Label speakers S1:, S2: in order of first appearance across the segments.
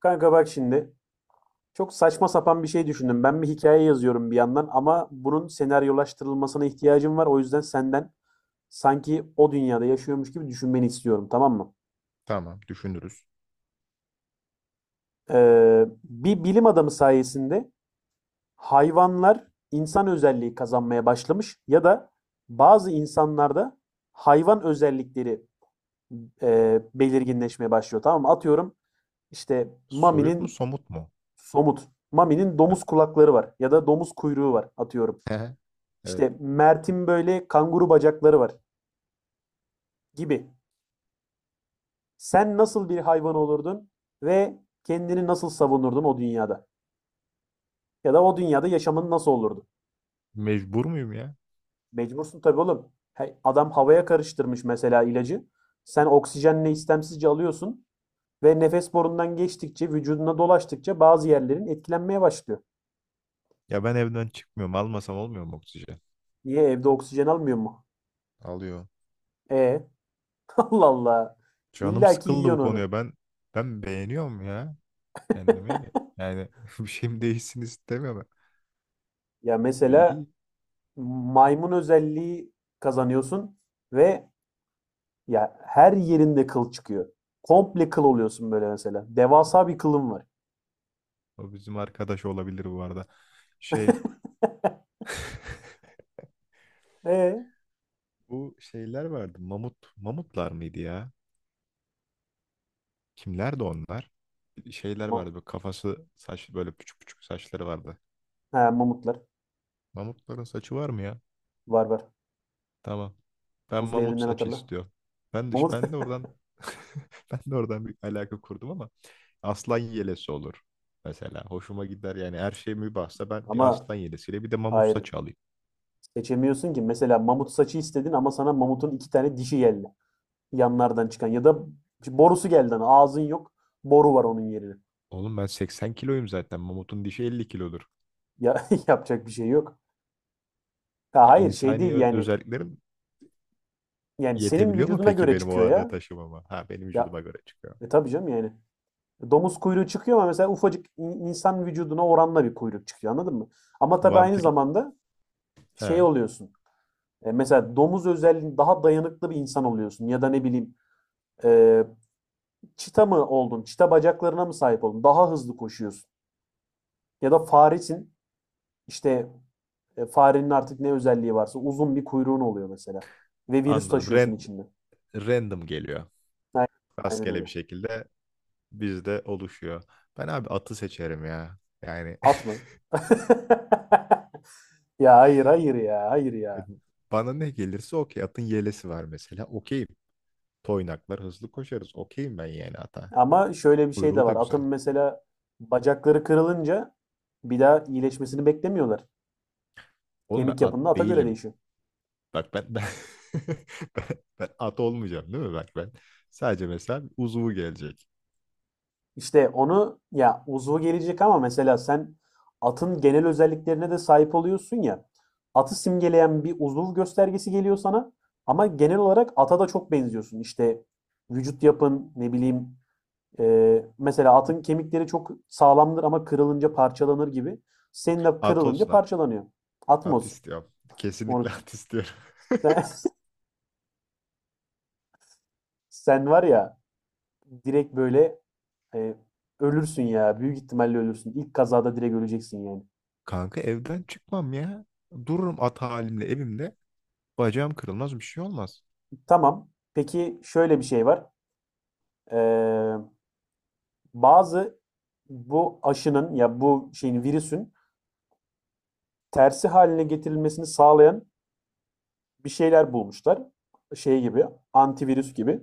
S1: Kanka bak şimdi. Çok saçma sapan bir şey düşündüm. Ben bir hikaye yazıyorum bir yandan ama bunun senaryolaştırılmasına ihtiyacım var. O yüzden senden sanki o dünyada yaşıyormuş gibi düşünmeni istiyorum, tamam mı?
S2: Tamam, düşünürüz.
S1: Bir bilim adamı sayesinde hayvanlar insan özelliği kazanmaya başlamış ya da bazı insanlarda hayvan özellikleri belirginleşmeye başlıyor, tamam mı? Atıyorum işte
S2: Soyut mu,
S1: Mami'nin
S2: somut mu?
S1: somut, Mami'nin
S2: Ha.
S1: domuz kulakları var ya da domuz kuyruğu var atıyorum.
S2: Evet.
S1: İşte Mert'in böyle kanguru bacakları var gibi. Sen nasıl bir hayvan olurdun ve kendini nasıl savunurdun o dünyada? Ya da o dünyada yaşamın nasıl olurdu?
S2: Mecbur muyum ya?
S1: Mecbursun tabii oğlum. Hey, adam havaya karıştırmış mesela ilacı. Sen oksijenle istemsizce alıyorsun ve nefes borundan geçtikçe, vücuduna dolaştıkça bazı yerlerin etkilenmeye başlıyor.
S2: Ya ben evden çıkmıyorum. Almasam olmuyor mu oksijen?
S1: Niye evde oksijen almıyor mu?
S2: Alıyor.
S1: E Allah Allah.
S2: Canım
S1: İlla ki
S2: sıkıldı bu
S1: yiyorsun onu.
S2: konuya. Ben beğeniyorum ya kendimi. Yani bir şeyim değişsin istemiyorum.
S1: Ya mesela
S2: İyi.
S1: maymun özelliği kazanıyorsun ve ya her yerinde kıl çıkıyor. Komple kıl oluyorsun böyle mesela. Devasa bir kılın var.
S2: O bizim arkadaş olabilir bu arada. Şey.
S1: E
S2: Bu şeyler vardı. Mamut. Mamutlar mıydı ya? Kimlerdi onlar? Şeyler
S1: Ma-
S2: vardı. Böyle kafası saç böyle küçük küçük saçları vardı.
S1: he, Mamutlar
S2: Mamutların saçı var mı ya?
S1: var var.
S2: Tamam. Ben
S1: Buz
S2: mamut
S1: devrinden
S2: saçı
S1: hatırla.
S2: istiyorum. Ben de,
S1: Mamut
S2: ben de oradan ben de oradan bir alaka kurdum ama aslan yelesi olur. Mesela hoşuma gider yani her şey mübahsa ben bir
S1: ama
S2: aslan yelesiyle bir de mamut
S1: hayır
S2: saçı alayım.
S1: seçemiyorsun ki. Mesela mamut saçı istedin ama sana mamutun iki tane dişi geldi. Yanlardan çıkan ya da borusu geldi. Hani ağzın yok. Boru var onun yerine.
S2: Oğlum ben 80 kiloyum zaten. Mamutun dişi 50 kilodur.
S1: Ya yapacak bir şey yok. Ha,
S2: Ya
S1: hayır şey
S2: insani
S1: değil yani.
S2: özelliklerim
S1: Yani senin
S2: yetebiliyor mu
S1: vücuduna
S2: peki
S1: göre
S2: benim o
S1: çıkıyor
S2: ağırlığı
S1: ya.
S2: taşımama? Ha benim
S1: Ya,
S2: vücuduma göre çıkıyor.
S1: E tabii canım yani. Domuz kuyruğu çıkıyor ama mesela ufacık insan vücuduna oranla bir kuyruk çıkıyor anladın mı? Ama tabii aynı
S2: Vampir
S1: zamanda
S2: he
S1: şey oluyorsun. Mesela domuz özelliğin daha dayanıklı bir insan oluyorsun ya da ne bileyim, e, çita mı oldun? Çita bacaklarına mı sahip oldun? Daha hızlı koşuyorsun. Ya da faresin işte, farenin artık ne özelliği varsa uzun bir kuyruğun oluyor mesela. Ve virüs
S2: anladım.
S1: taşıyorsun içinde.
S2: Random geliyor.
S1: Aynen, aynen
S2: Rastgele
S1: öyle.
S2: bir şekilde bizde oluşuyor. Ben abi atı seçerim ya. Yani
S1: At mı? Ya hayır hayır ya hayır ya.
S2: bana ne gelirse okey. Atın yelesi var mesela. Okeyim. Toynaklar hızlı koşarız. Okeyim ben yani ata.
S1: Ama şöyle bir şey de
S2: Kuyruğu da
S1: var. Atın
S2: güzel.
S1: mesela bacakları kırılınca bir daha iyileşmesini beklemiyorlar.
S2: Oğlum ben
S1: Kemik
S2: at
S1: yapında ata göre
S2: değilim.
S1: değişiyor.
S2: Bak ben ben, ben at olmayacağım değil mi? Bak ben sadece mesela uzuvu gelecek.
S1: İşte onu ya uzvu gelecek ama mesela sen atın genel özelliklerine de sahip oluyorsun ya. Atı simgeleyen bir uzuv göstergesi geliyor sana ama genel olarak ata da çok benziyorsun. İşte vücut yapın ne bileyim, mesela atın kemikleri çok sağlamdır ama kırılınca parçalanır gibi. Senin de
S2: At
S1: kırılınca
S2: olsun at.
S1: parçalanıyor.
S2: At
S1: Atmos.
S2: istiyorum. Kesinlikle
S1: Moruk.
S2: at istiyorum.
S1: Sen, Sen var ya direkt böyle, e, ölürsün ya. Büyük ihtimalle ölürsün. İlk kazada direkt öleceksin yani.
S2: Kanka evden çıkmam ya. Dururum at halimle evimde. Bacağım kırılmaz bir şey olmaz.
S1: Tamam. Peki şöyle bir şey var. Ee, Bazı bu aşının ya bu şeyin virüsün tersi haline getirilmesini sağlayan bir şeyler bulmuşlar. Şey gibi, antivirüs gibi.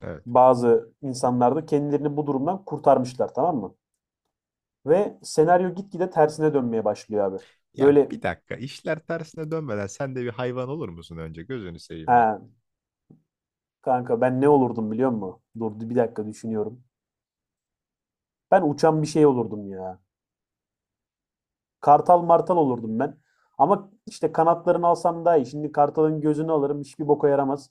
S2: Evet.
S1: Bazı insanlar da kendilerini bu durumdan kurtarmışlar, tamam mı? Ve senaryo gitgide tersine dönmeye başlıyor abi.
S2: Ya
S1: Böyle
S2: bir dakika işler tersine dönmeden sen de bir hayvan olur musun önce gözünü seveyim bak.
S1: ha, Kanka ben ne olurdum biliyor musun? Dur bir dakika düşünüyorum. Ben uçan bir şey olurdum ya. Kartal martal olurdum ben. Ama işte kanatlarını alsam daha iyi. Şimdi kartalın gözünü alırım hiçbir boka yaramaz.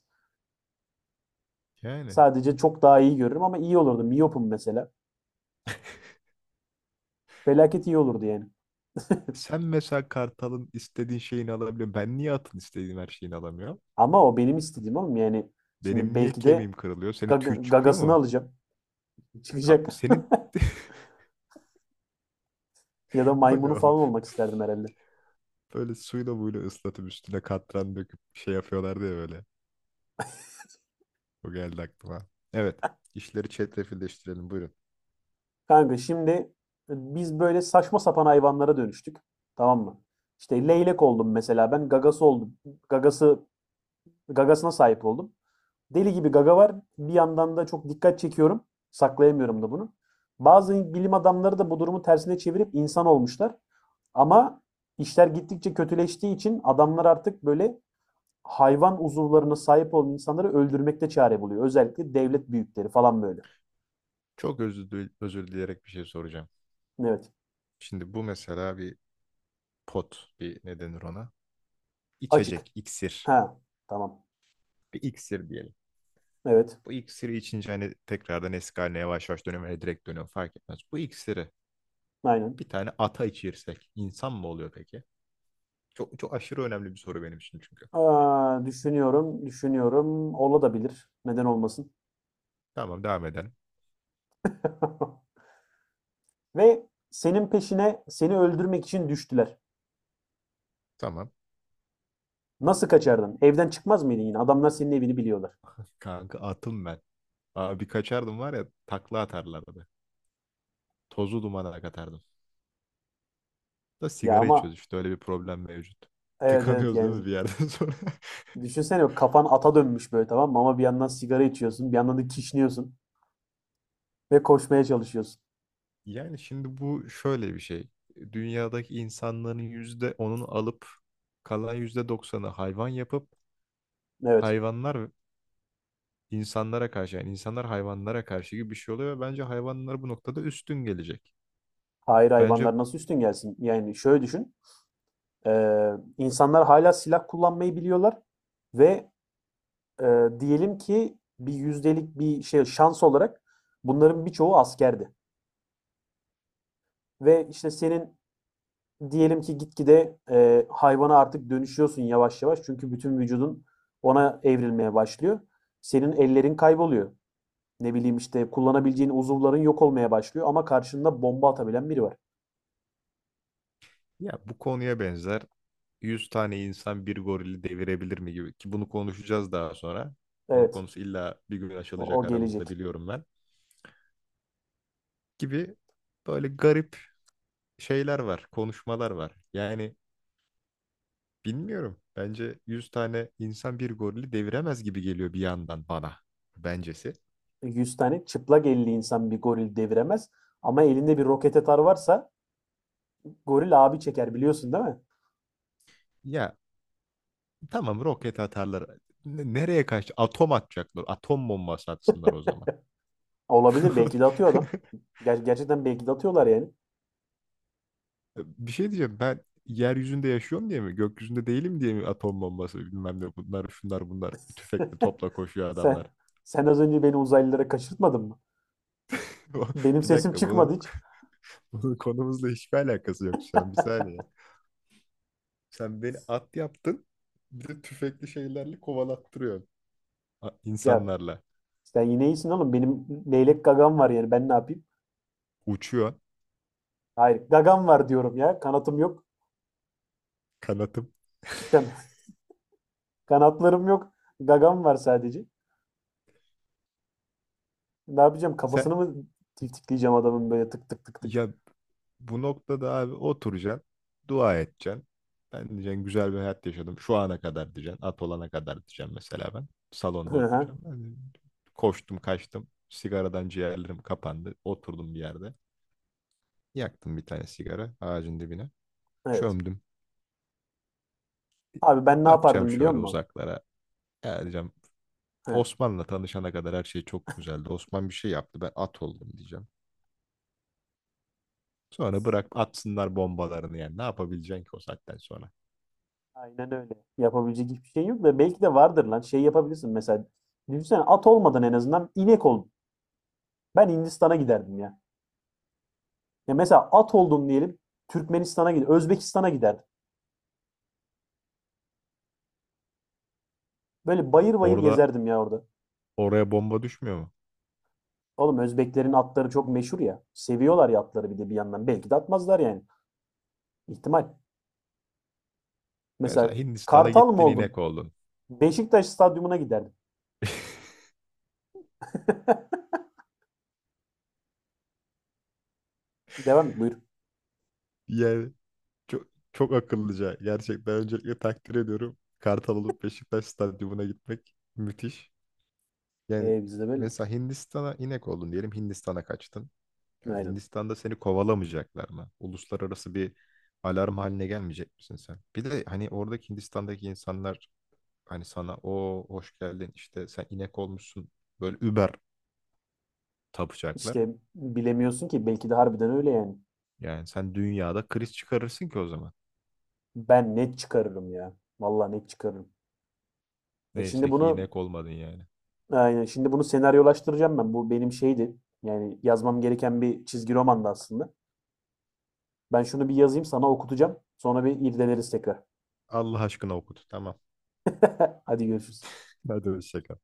S2: Yani
S1: Sadece çok daha iyi görürüm ama iyi olurdum. Miyopum mesela. Felaket iyi olurdu yani.
S2: sen mesela kartalın istediğin şeyini alabiliyor. Ben niye atın istediğim her şeyini alamıyorum?
S1: Ama o benim istediğim oğlum yani.
S2: Benim
S1: Şimdi
S2: niye
S1: belki de
S2: kemiğim kırılıyor? Senin tüy çıkıyor
S1: gagasını
S2: mu?
S1: alacağım.
S2: Abi
S1: Çıkacak.
S2: senin
S1: Ya da
S2: o ne
S1: maymunu
S2: oğlum?
S1: falan olmak isterdim herhalde.
S2: Böyle suyla buyla ıslatıp üstüne katran döküp şey yapıyorlardı ya böyle. O geldi aklıma. Evet, İşleri çetrefilleştirelim buyurun.
S1: Kanka şimdi, biz böyle saçma sapan hayvanlara dönüştük. Tamam mı? İşte leylek oldum mesela ben. Gagası oldum. Gagası Gagasına sahip oldum. Deli gibi gaga var. Bir yandan da çok dikkat çekiyorum. Saklayamıyorum da bunu. Bazı bilim adamları da bu durumu tersine çevirip insan olmuşlar. Ama işler gittikçe kötüleştiği için adamlar artık böyle hayvan uzuvlarına sahip olan insanları öldürmekte çare buluyor. Özellikle devlet büyükleri falan böyle.
S2: Çok özür, özür dileyerek bir şey soracağım.
S1: Evet.
S2: Şimdi bu mesela bir pot bir ne denir ona?
S1: Açık.
S2: İçecek, iksir.
S1: Ha, tamam.
S2: Bir iksir diyelim.
S1: Evet.
S2: Bu iksiri içince hani tekrardan eski haline yavaş yavaş dönüyor veya direkt dönüyor fark etmez. Bu iksiri
S1: Aynen.
S2: bir tane ata içirsek insan mı oluyor peki? Çok, çok aşırı önemli bir soru benim için çünkü.
S1: Aa, düşünüyorum, düşünüyorum. Olabilir. Neden olmasın?
S2: Tamam devam edelim.
S1: Ve senin peşine seni öldürmek için düştüler.
S2: Tamam.
S1: Nasıl kaçardın? Evden çıkmaz mıydın yine? Adamlar senin evini biliyorlar.
S2: Kanka atım ben. Abi kaçardım var ya takla atarlardı. Tozu dumana katardım. Da
S1: Ya
S2: sigara
S1: ama
S2: içiyoruz işte öyle bir problem mevcut.
S1: evet, evet
S2: Tıkanıyoruz değil
S1: yani
S2: mi bir yerden sonra?
S1: düşünsene kafan ata dönmüş böyle, tamam mı? Ama bir yandan sigara içiyorsun, bir yandan da kişniyorsun ve koşmaya çalışıyorsun.
S2: Yani şimdi bu şöyle bir şey. Dünyadaki insanların yüzde onunu alıp kalan yüzde doksanı hayvan yapıp
S1: Evet.
S2: hayvanlar insanlara karşı yani insanlar hayvanlara karşı gibi bir şey oluyor ve bence hayvanlar bu noktada üstün gelecek.
S1: Hayır,
S2: Bence
S1: hayvanlar nasıl üstün gelsin? Yani şöyle düşün. İnsanlar hâlâ silah kullanmayı biliyorlar ve diyelim ki bir yüzdelik bir şey şans olarak bunların birçoğu askerdi ve, işte, senin diyelim ki gitgide, hayvana artık dönüşüyorsun yavaş yavaş çünkü bütün vücudun ona evrilmeye başlıyor. Senin ellerin kayboluyor. Ne bileyim, işte, kullanabileceğin uzuvların yok olmaya başlıyor ama karşında bomba atabilen biri var.
S2: ya bu konuya benzer 100 tane insan bir gorili devirebilir mi gibi ki bunu konuşacağız daha sonra. Bunun
S1: Evet,
S2: konusu illa bir gün açılacak
S1: o
S2: aramızda
S1: gelecek.
S2: biliyorum ben. Gibi böyle garip şeyler var, konuşmalar var. Yani bilmiyorum. Bence 100 tane insan bir gorili deviremez gibi geliyor bir yandan bana. Bencesi.
S1: Yüz tane çıplak elli insan bir goril deviremez ama elinde bir roket atar varsa. Goril abi çeker biliyorsun değil mi?
S2: Ya tamam roket atarlar. Nereye kaç? Atom atacaklar. Atom bombası atsınlar o zaman.
S1: Olabilir, belki de atıyor adam. Gerçekten belki de atıyorlar yani.
S2: Bir şey diyeceğim. Ben yeryüzünde yaşıyorum diye mi? Gökyüzünde değilim diye mi atom bombası bilmem ne bunlar şunlar bunlar tüfekle topla koşuyor adamlar.
S1: Sen Sen az önce beni uzaylılara kaçırtmadın mı? Benim
S2: Bir
S1: sesim
S2: dakika
S1: çıkmadı
S2: bunun,
S1: hiç.
S2: bunun konumuzla hiçbir alakası yok şu an. Bir saniye. Sen beni at yaptın. Bir de tüfekli şeylerle kovalattırıyorsun.
S1: Ya
S2: İnsanlarla
S1: sen yine iyisin oğlum. Benim leylek gagam var yani ben ne yapayım?
S2: uçuyor
S1: Hayır, gagam var diyorum ya. Kanatım yok.
S2: kanatım.
S1: Kan- kanatlarım yok. Gagam var sadece. Ne yapacağım?
S2: Sen
S1: Kafasını mı tiftikleyeceğim adamın böyle tık tık tık tık?
S2: ya bu noktada abi oturacaksın, dua edeceksin. Ben diyeceksin güzel bir hayat yaşadım. Şu ana kadar diyeceksin. At olana kadar diyeceğim mesela ben. Salonda
S1: Hı hı.
S2: oturacağım. Ben de koştum kaçtım. Sigaradan ciğerlerim kapandı. Oturdum bir yerde. Yaktım bir tane sigara ağacın dibine.
S1: Evet.
S2: Çömdüm.
S1: Abi ben ne
S2: Bakacağım
S1: yapardım biliyor
S2: şöyle
S1: musun?
S2: uzaklara. Ya diyeceğim
S1: He.
S2: Osman'la tanışana kadar her şey çok güzeldi. Osman bir şey yaptı. Ben at oldum diyeceğim. Sonra bırak atsınlar bombalarını yani. Ne yapabileceksin ki o saatten sonra?
S1: Aynen öyle. Yapabilecek hiçbir şey yok da belki de vardır lan. Şey yapabilirsin mesela. Düşünsene, at olmadan en azından inek ol. Ben Hindistan'a giderdim ya. Ya mesela at oldum diyelim. Türkmenistan'a giderdim. Özbekistan'a giderdim. Böyle bayır bayır
S2: Orada
S1: gezerdim ya orada.
S2: oraya bomba düşmüyor mu?
S1: Oğlum Özbeklerin atları çok meşhur ya. Seviyorlar ya atları bir de bir yandan. Belki de atmazlar yani. İhtimal. Mesela
S2: Mesela Hindistan'a
S1: Kartal mı
S2: gittin
S1: oldum?
S2: inek oldun.
S1: Beşiktaş stadyumuna giderdim. Devam et buyur.
S2: Yani çok, çok akıllıca. Gerçekten öncelikle takdir ediyorum. Kartal olup Beşiktaş stadyumuna gitmek müthiş. Yani
S1: Bizde böyle.
S2: mesela Hindistan'a inek oldun diyelim. Hindistan'a kaçtın. Yani
S1: Aynen.
S2: Hindistan'da seni kovalamayacaklar mı? Uluslararası bir alarm haline gelmeyecek misin sen? Bir de hani oradaki Hindistan'daki insanlar hani sana o hoş geldin işte sen inek olmuşsun böyle über tapacaklar.
S1: İşte bilemiyorsun ki belki de harbiden öyle yani.
S2: Yani sen dünyada kriz çıkarırsın ki o zaman.
S1: Ben net çıkarırım ya. Vallahi net çıkarırım. Şimdi
S2: Neyse ki
S1: bunu
S2: inek olmadın yani.
S1: aynen şimdi bunu senaryolaştıracağım ben. Bu benim şeydi. Yani yazmam gereken bir çizgi romandı aslında. Ben şunu bir yazayım sana okutacağım. Sonra bir irdeleriz tekrar.
S2: Allah aşkına okut. Tamam.
S1: Hadi görüşürüz.
S2: Hadi hoşça kal.